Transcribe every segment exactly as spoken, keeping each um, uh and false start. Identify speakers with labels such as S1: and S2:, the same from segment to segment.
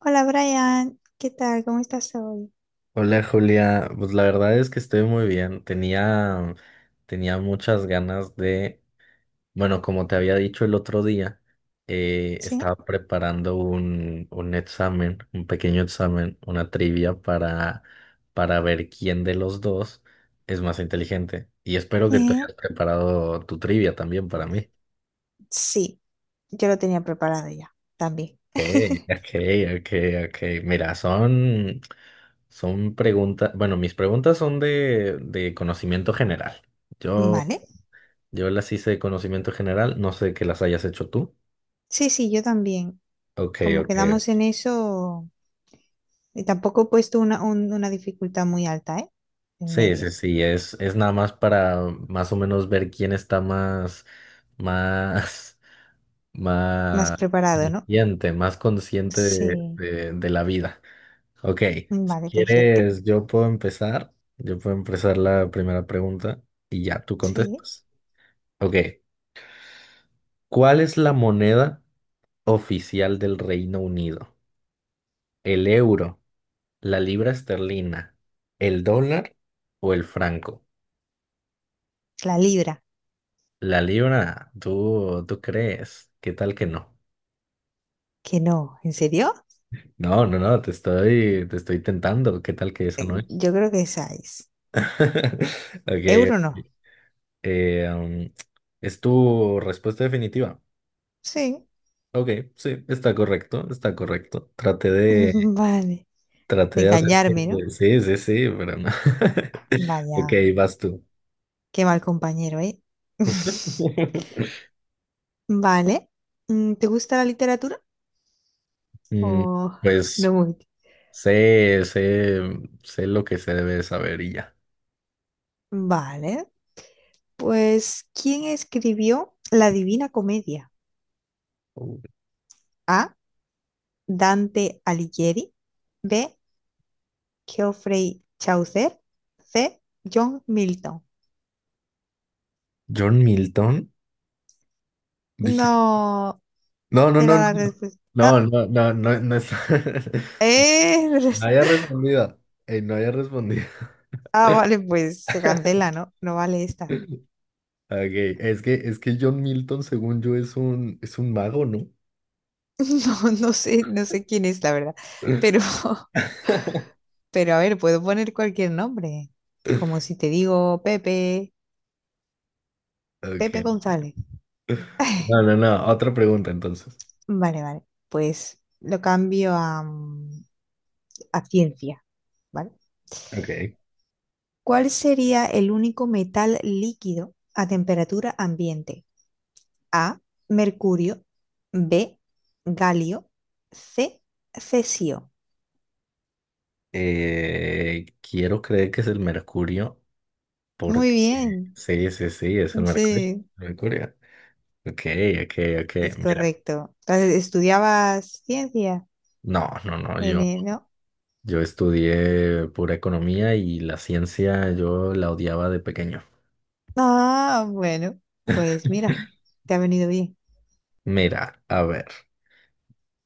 S1: Hola Brian, ¿qué tal? ¿Cómo estás hoy?
S2: Hola Julia, pues la verdad es que estoy muy bien. Tenía, tenía muchas ganas de, bueno, como te había dicho el otro día, eh,
S1: ¿Sí?
S2: estaba preparando un, un examen, un pequeño examen, una trivia para, para ver quién de los dos es más inteligente. Y espero que tú
S1: Eh,
S2: hayas preparado tu trivia también para mí.
S1: sí, yo lo tenía preparado ya, también.
S2: Okay, okay, okay, okay. Mira, son, son preguntas, bueno, mis preguntas son de, de conocimiento general. Yo,
S1: ¿Vale?
S2: yo las hice de conocimiento general, no sé que las hayas hecho tú.
S1: Sí, sí, yo también.
S2: Okay,
S1: Como
S2: okay.
S1: quedamos en eso, y tampoco he puesto una, un- una dificultad muy alta, ¿eh? En
S2: Sí, sí,
S1: media.
S2: sí, es, es nada más para más o menos ver quién está más, más,
S1: Me has
S2: más
S1: preparado, ¿no?
S2: consciente, más consciente de,
S1: Sí,
S2: de de la vida. Ok, si
S1: vale, perfecto.
S2: quieres, yo puedo empezar. Yo puedo empezar la primera pregunta y ya tú
S1: Sí.
S2: contestas. Ok, ¿cuál es la moneda oficial del Reino Unido? ¿El euro, la libra esterlina, el dólar o el franco?
S1: La libra,
S2: La libra, ¿tú, tú crees? ¿Qué tal que no?
S1: que no, ¿en serio?
S2: No, no, no, te estoy, te estoy tentando. ¿Qué tal que esa no es?
S1: Yo creo que esa es.
S2: Ok,
S1: ¿Euro no?
S2: ok. Eh, um, ¿es tu respuesta definitiva?
S1: Sí.
S2: Ok, sí, está correcto, está correcto. Traté de,
S1: Vale.
S2: traté
S1: De
S2: de hacer...
S1: engañarme, ¿no?
S2: Sí, sí, sí, pero no. Ok,
S1: Vaya.
S2: vas tú.
S1: Qué mal compañero, ¿eh? Vale. Mm, ¿Te gusta la literatura? O
S2: Mm,
S1: no
S2: pues
S1: mucho.
S2: sé, sé, sé lo que se debe saber y ya.
S1: Vale. Pues, ¿quién escribió La Divina Comedia? A. Dante Alighieri. B. Geoffrey Chaucer. C. John Milton.
S2: John Milton, dije,
S1: No,
S2: no, no, no,
S1: era
S2: no,
S1: la respuesta.
S2: no, no, no, no, no es-
S1: ¡Eh!
S2: no
S1: res-
S2: haya respondido, eh, no haya respondido.
S1: Ah, vale, pues se cancela, ¿no? No vale esta.
S2: Okay, es que, es que John Milton, según yo, es un, es un mago, ¿no?
S1: No, no sé, no sé quién es, la verdad. Pero pero a ver, puedo poner cualquier nombre. Como si te digo Pepe,
S2: Ok,
S1: Pepe González.
S2: no, no, no. Otra pregunta entonces.
S1: Vale, vale. Pues lo cambio a, mm, a ciencia, ¿vale?
S2: Ok.
S1: ¿Cuál sería el único metal líquido a temperatura ambiente? A, mercurio. B, galio. C, cesio.
S2: Eh, quiero creer que es el mercurio
S1: Muy
S2: porque...
S1: bien.
S2: Sí, sí, sí, es el mercurio.
S1: Sí,
S2: El mercurio. Ok, ok, ok.
S1: es
S2: Mira.
S1: correcto. Entonces, ¿estudiabas ciencia
S2: No, no, no.
S1: en
S2: Yo,
S1: el- no?
S2: yo estudié pura economía y la ciencia yo la odiaba de pequeño.
S1: Ah, bueno, pues mira, te ha venido bien.
S2: Mira, a ver.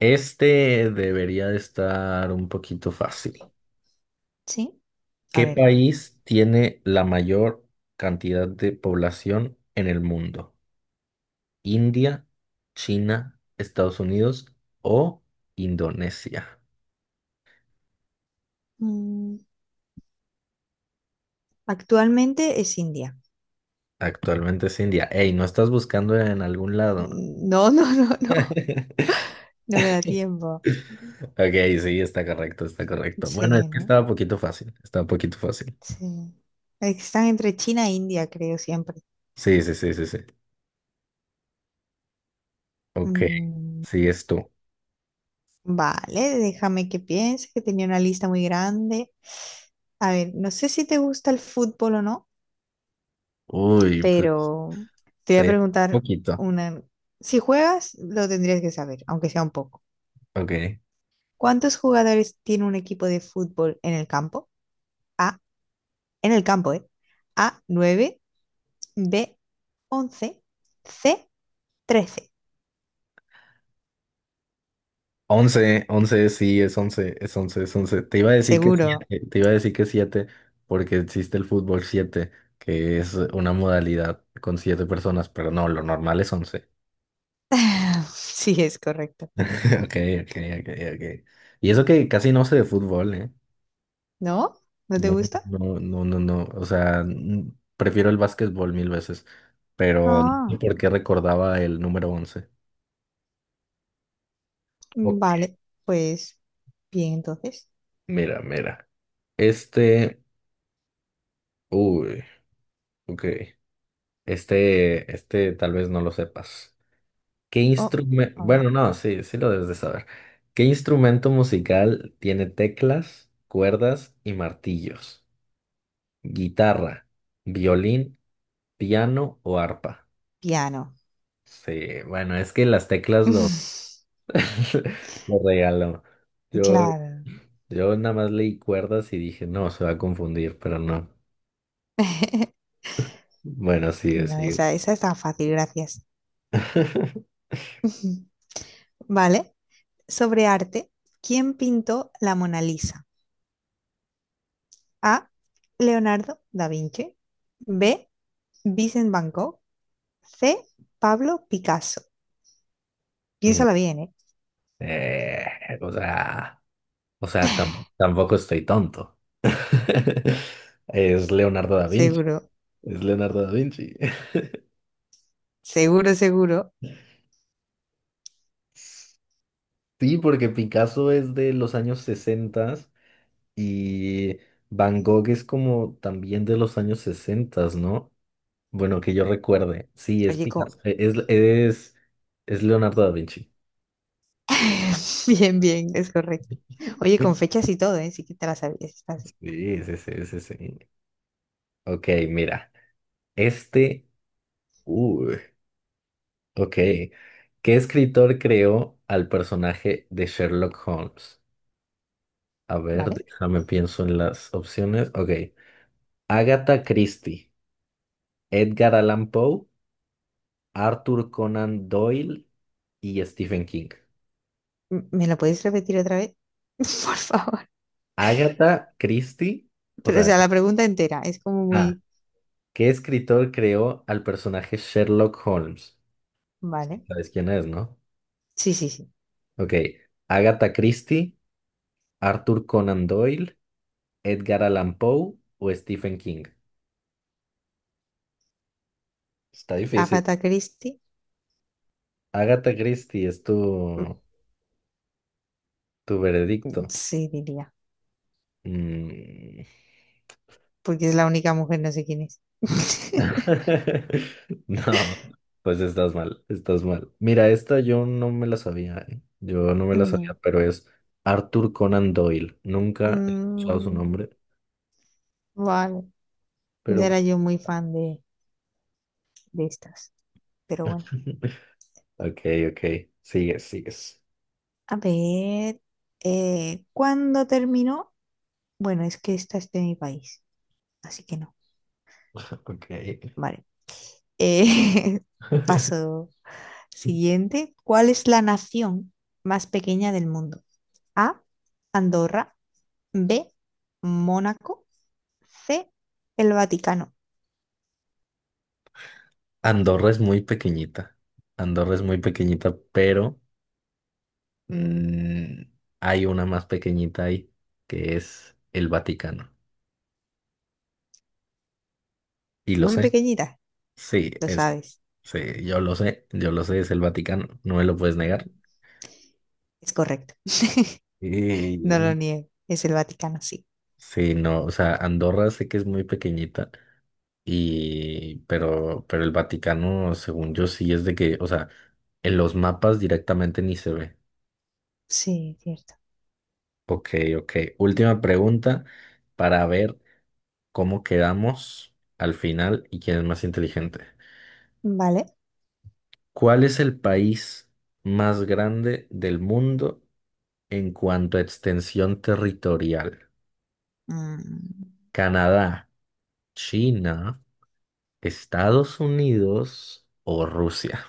S2: Este debería de estar un poquito fácil.
S1: Sí, a
S2: ¿Qué
S1: ver.
S2: país tiene la mayor cantidad de población en el mundo? India, China, Estados Unidos o Indonesia.
S1: mm, actualmente es India.
S2: Actualmente es India. Ey, ¿no estás buscando en algún lado?
S1: Mm, no, no, no, no, no me da tiempo.
S2: Ok, sí, está correcto, está correcto. Bueno, es
S1: Sí,
S2: que
S1: ¿no?
S2: estaba un poquito fácil, estaba un poquito fácil.
S1: Sí. Es que están entre China e India, creo, siempre.
S2: Sí, sí, sí, sí, sí. Ok,
S1: Mm,
S2: sí, es tú.
S1: vale, déjame que piense, que tenía una lista muy grande. A ver, no sé si te gusta el fútbol o no,
S2: Uy, pues,
S1: pero te voy a
S2: sí,
S1: preguntar
S2: poquito.
S1: una... Si juegas, lo tendrías que saber, aunque sea un poco.
S2: Ok.
S1: ¿Cuántos jugadores tiene un equipo de fútbol en el campo? A, en el campo, ¿eh? A, nueve. B, once. C, trece.
S2: Once, once, sí, es once, es once, es once. Te iba a decir que
S1: Seguro.
S2: siete, te iba a decir que siete, porque existe el fútbol siete, que es una modalidad con siete personas, pero no, lo normal es once.
S1: Sí, es correcto.
S2: Ok, ok, ok, ok. Y eso que casi no sé de fútbol, ¿eh?
S1: ¿No? ¿No te
S2: No,
S1: gusta?
S2: no, no, no, no. O sea, n- prefiero el básquetbol mil veces, pero no sé
S1: Ah,
S2: por qué recordaba el número once? Ok,
S1: vale. Pues bien, entonces.
S2: mira, mira. Este, uy, ok. Este, este tal vez no lo sepas. ¿Qué
S1: Oh,
S2: instrumento?
S1: a ver.
S2: Bueno, no, sí, sí lo debes de saber. ¿Qué instrumento musical tiene teclas, cuerdas y martillos? ¿Guitarra, violín, piano o arpa?
S1: Piano.
S2: Sí, bueno, es que las teclas lo, lo regaló. Yo,
S1: Claro.
S2: yo nada más leí cuerdas y dije, no, se va a confundir, pero no. Bueno, sí,
S1: No,
S2: sí.
S1: esa, esa está fácil, gracias. Vale. Sobre arte, ¿quién pintó la Mona Lisa? A. Leonardo da Vinci. B. Vincent Van Gogh. C. Pablo Picasso.
S2: No.
S1: Piénsala bien, ¿eh?
S2: Eh, o sea. O sea, tam- tampoco estoy tonto. Es Leonardo da Vinci.
S1: Seguro,
S2: Es Leonardo da Vinci.
S1: seguro, seguro.
S2: Sí, porque Picasso es de los años sesenta y Van Gogh es como también de los años sesenta, ¿no? Bueno, que yo recuerde. Sí, es
S1: Oye,
S2: Picasso.
S1: con...
S2: e- Es, es, es Leonardo da Vinci.
S1: Bien, bien, es correcto. Oye, con fechas y todo, ¿eh? Sí que te la sabías, está así.
S2: Sí, sí, sí, sí, sí. Ok, mira. Este. uh, Ok. ¿Qué escritor creó al personaje de Sherlock Holmes? A ver,
S1: ¿Vale?
S2: déjame pienso en las opciones. Ok. Agatha Christie, Edgar Allan Poe, Arthur Conan Doyle y Stephen King.
S1: M- ¿Me lo podéis repetir otra vez? Por favor.
S2: Agatha Christie, o
S1: Pero, o
S2: sea,
S1: sea, la pregunta entera es como
S2: ah,
S1: muy...
S2: ¿qué escritor creó al personaje Sherlock Holmes? Sí,
S1: ¿Vale?
S2: sabes quién es, ¿no?
S1: Sí, sí, sí.
S2: Ok. Agatha Christie, Arthur Conan Doyle, Edgar Allan Poe o Stephen King. Está difícil.
S1: Agatha Christie,
S2: Agatha Christie es tu,
S1: mm,
S2: tu veredicto.
S1: sí diría,
S2: Mm.
S1: porque es la única mujer, no sé quién es.
S2: No, pues estás mal, estás mal. Mira, esta yo no me la sabía, ¿eh? Yo no me la
S1: No.
S2: sabía, pero es Arthur Conan Doyle. Nunca he escuchado su
S1: Mm,
S2: nombre,
S1: vale, no
S2: pero...
S1: era yo muy fan de, de estas, pero bueno.
S2: Ok, ok, sigues, sigues.
S1: A ver, eh, ¿cuándo terminó? Bueno, es que esta es de mi país, así que no.
S2: Ok.
S1: Vale. Eh, paso siguiente. ¿Cuál es la nación más pequeña del mundo? A, Andorra. B, Mónaco. C, el Vaticano.
S2: Andorra es muy pequeñita. Andorra es muy pequeñita, pero mm, hay una más pequeñita ahí, que es el Vaticano. Y lo
S1: Muy
S2: sé,
S1: pequeñita,
S2: sí,
S1: lo
S2: es,
S1: sabes.
S2: sí, yo lo sé, yo lo sé, es el Vaticano, no me lo puedes negar.
S1: Mm, Es correcto, no lo
S2: Ey,
S1: niego, es el Vaticano, sí.
S2: sí, no, o sea, Andorra sé que es muy pequeñita y pero pero el Vaticano, según yo sí es de que, o sea, en los mapas directamente ni se ve.
S1: Sí, cierto.
S2: Ok, ok. Última pregunta para ver cómo quedamos al final y quién es más inteligente.
S1: Vale.
S2: ¿Cuál es el país más grande del mundo en cuanto a extensión territorial,
S1: Mm,
S2: Canadá, China, Estados Unidos o Rusia.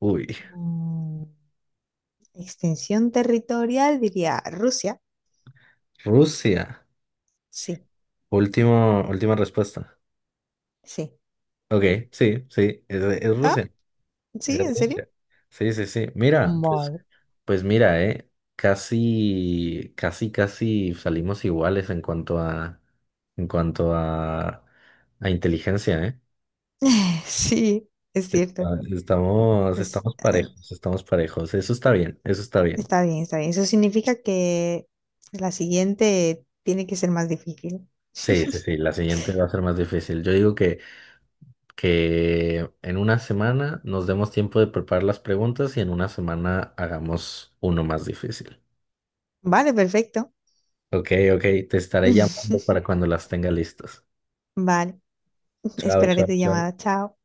S2: Uy,
S1: Mm, extensión territorial, diría Rusia.
S2: Rusia.
S1: Sí,
S2: Último, última respuesta.
S1: sí.
S2: Ok, sí, sí, es, es
S1: Ah,
S2: Rusia. Es
S1: sí, ¿en serio?
S2: Rusia. Sí, sí, sí. Mira, pues,
S1: Vale.
S2: pues mira, eh, casi, casi, casi salimos iguales en cuanto a, en cuanto a, a inteligencia, eh.
S1: Sí, es cierto.
S2: Ah, estamos,
S1: Es,
S2: estamos
S1: eh,
S2: parejos, estamos parejos. Eso está bien, eso está bien.
S1: está bien, está bien. Eso significa que la siguiente tiene que ser más difícil.
S2: Sí, sí, sí, la siguiente va a ser más difícil. Yo digo que, que en una semana nos demos tiempo de preparar las preguntas y en una semana hagamos uno más difícil.
S1: Vale, perfecto.
S2: Ok, ok, te estaré llamando para cuando las tenga listas.
S1: Vale,
S2: Chao,
S1: esperaré
S2: chao,
S1: tu
S2: chao.
S1: llamada. Chao.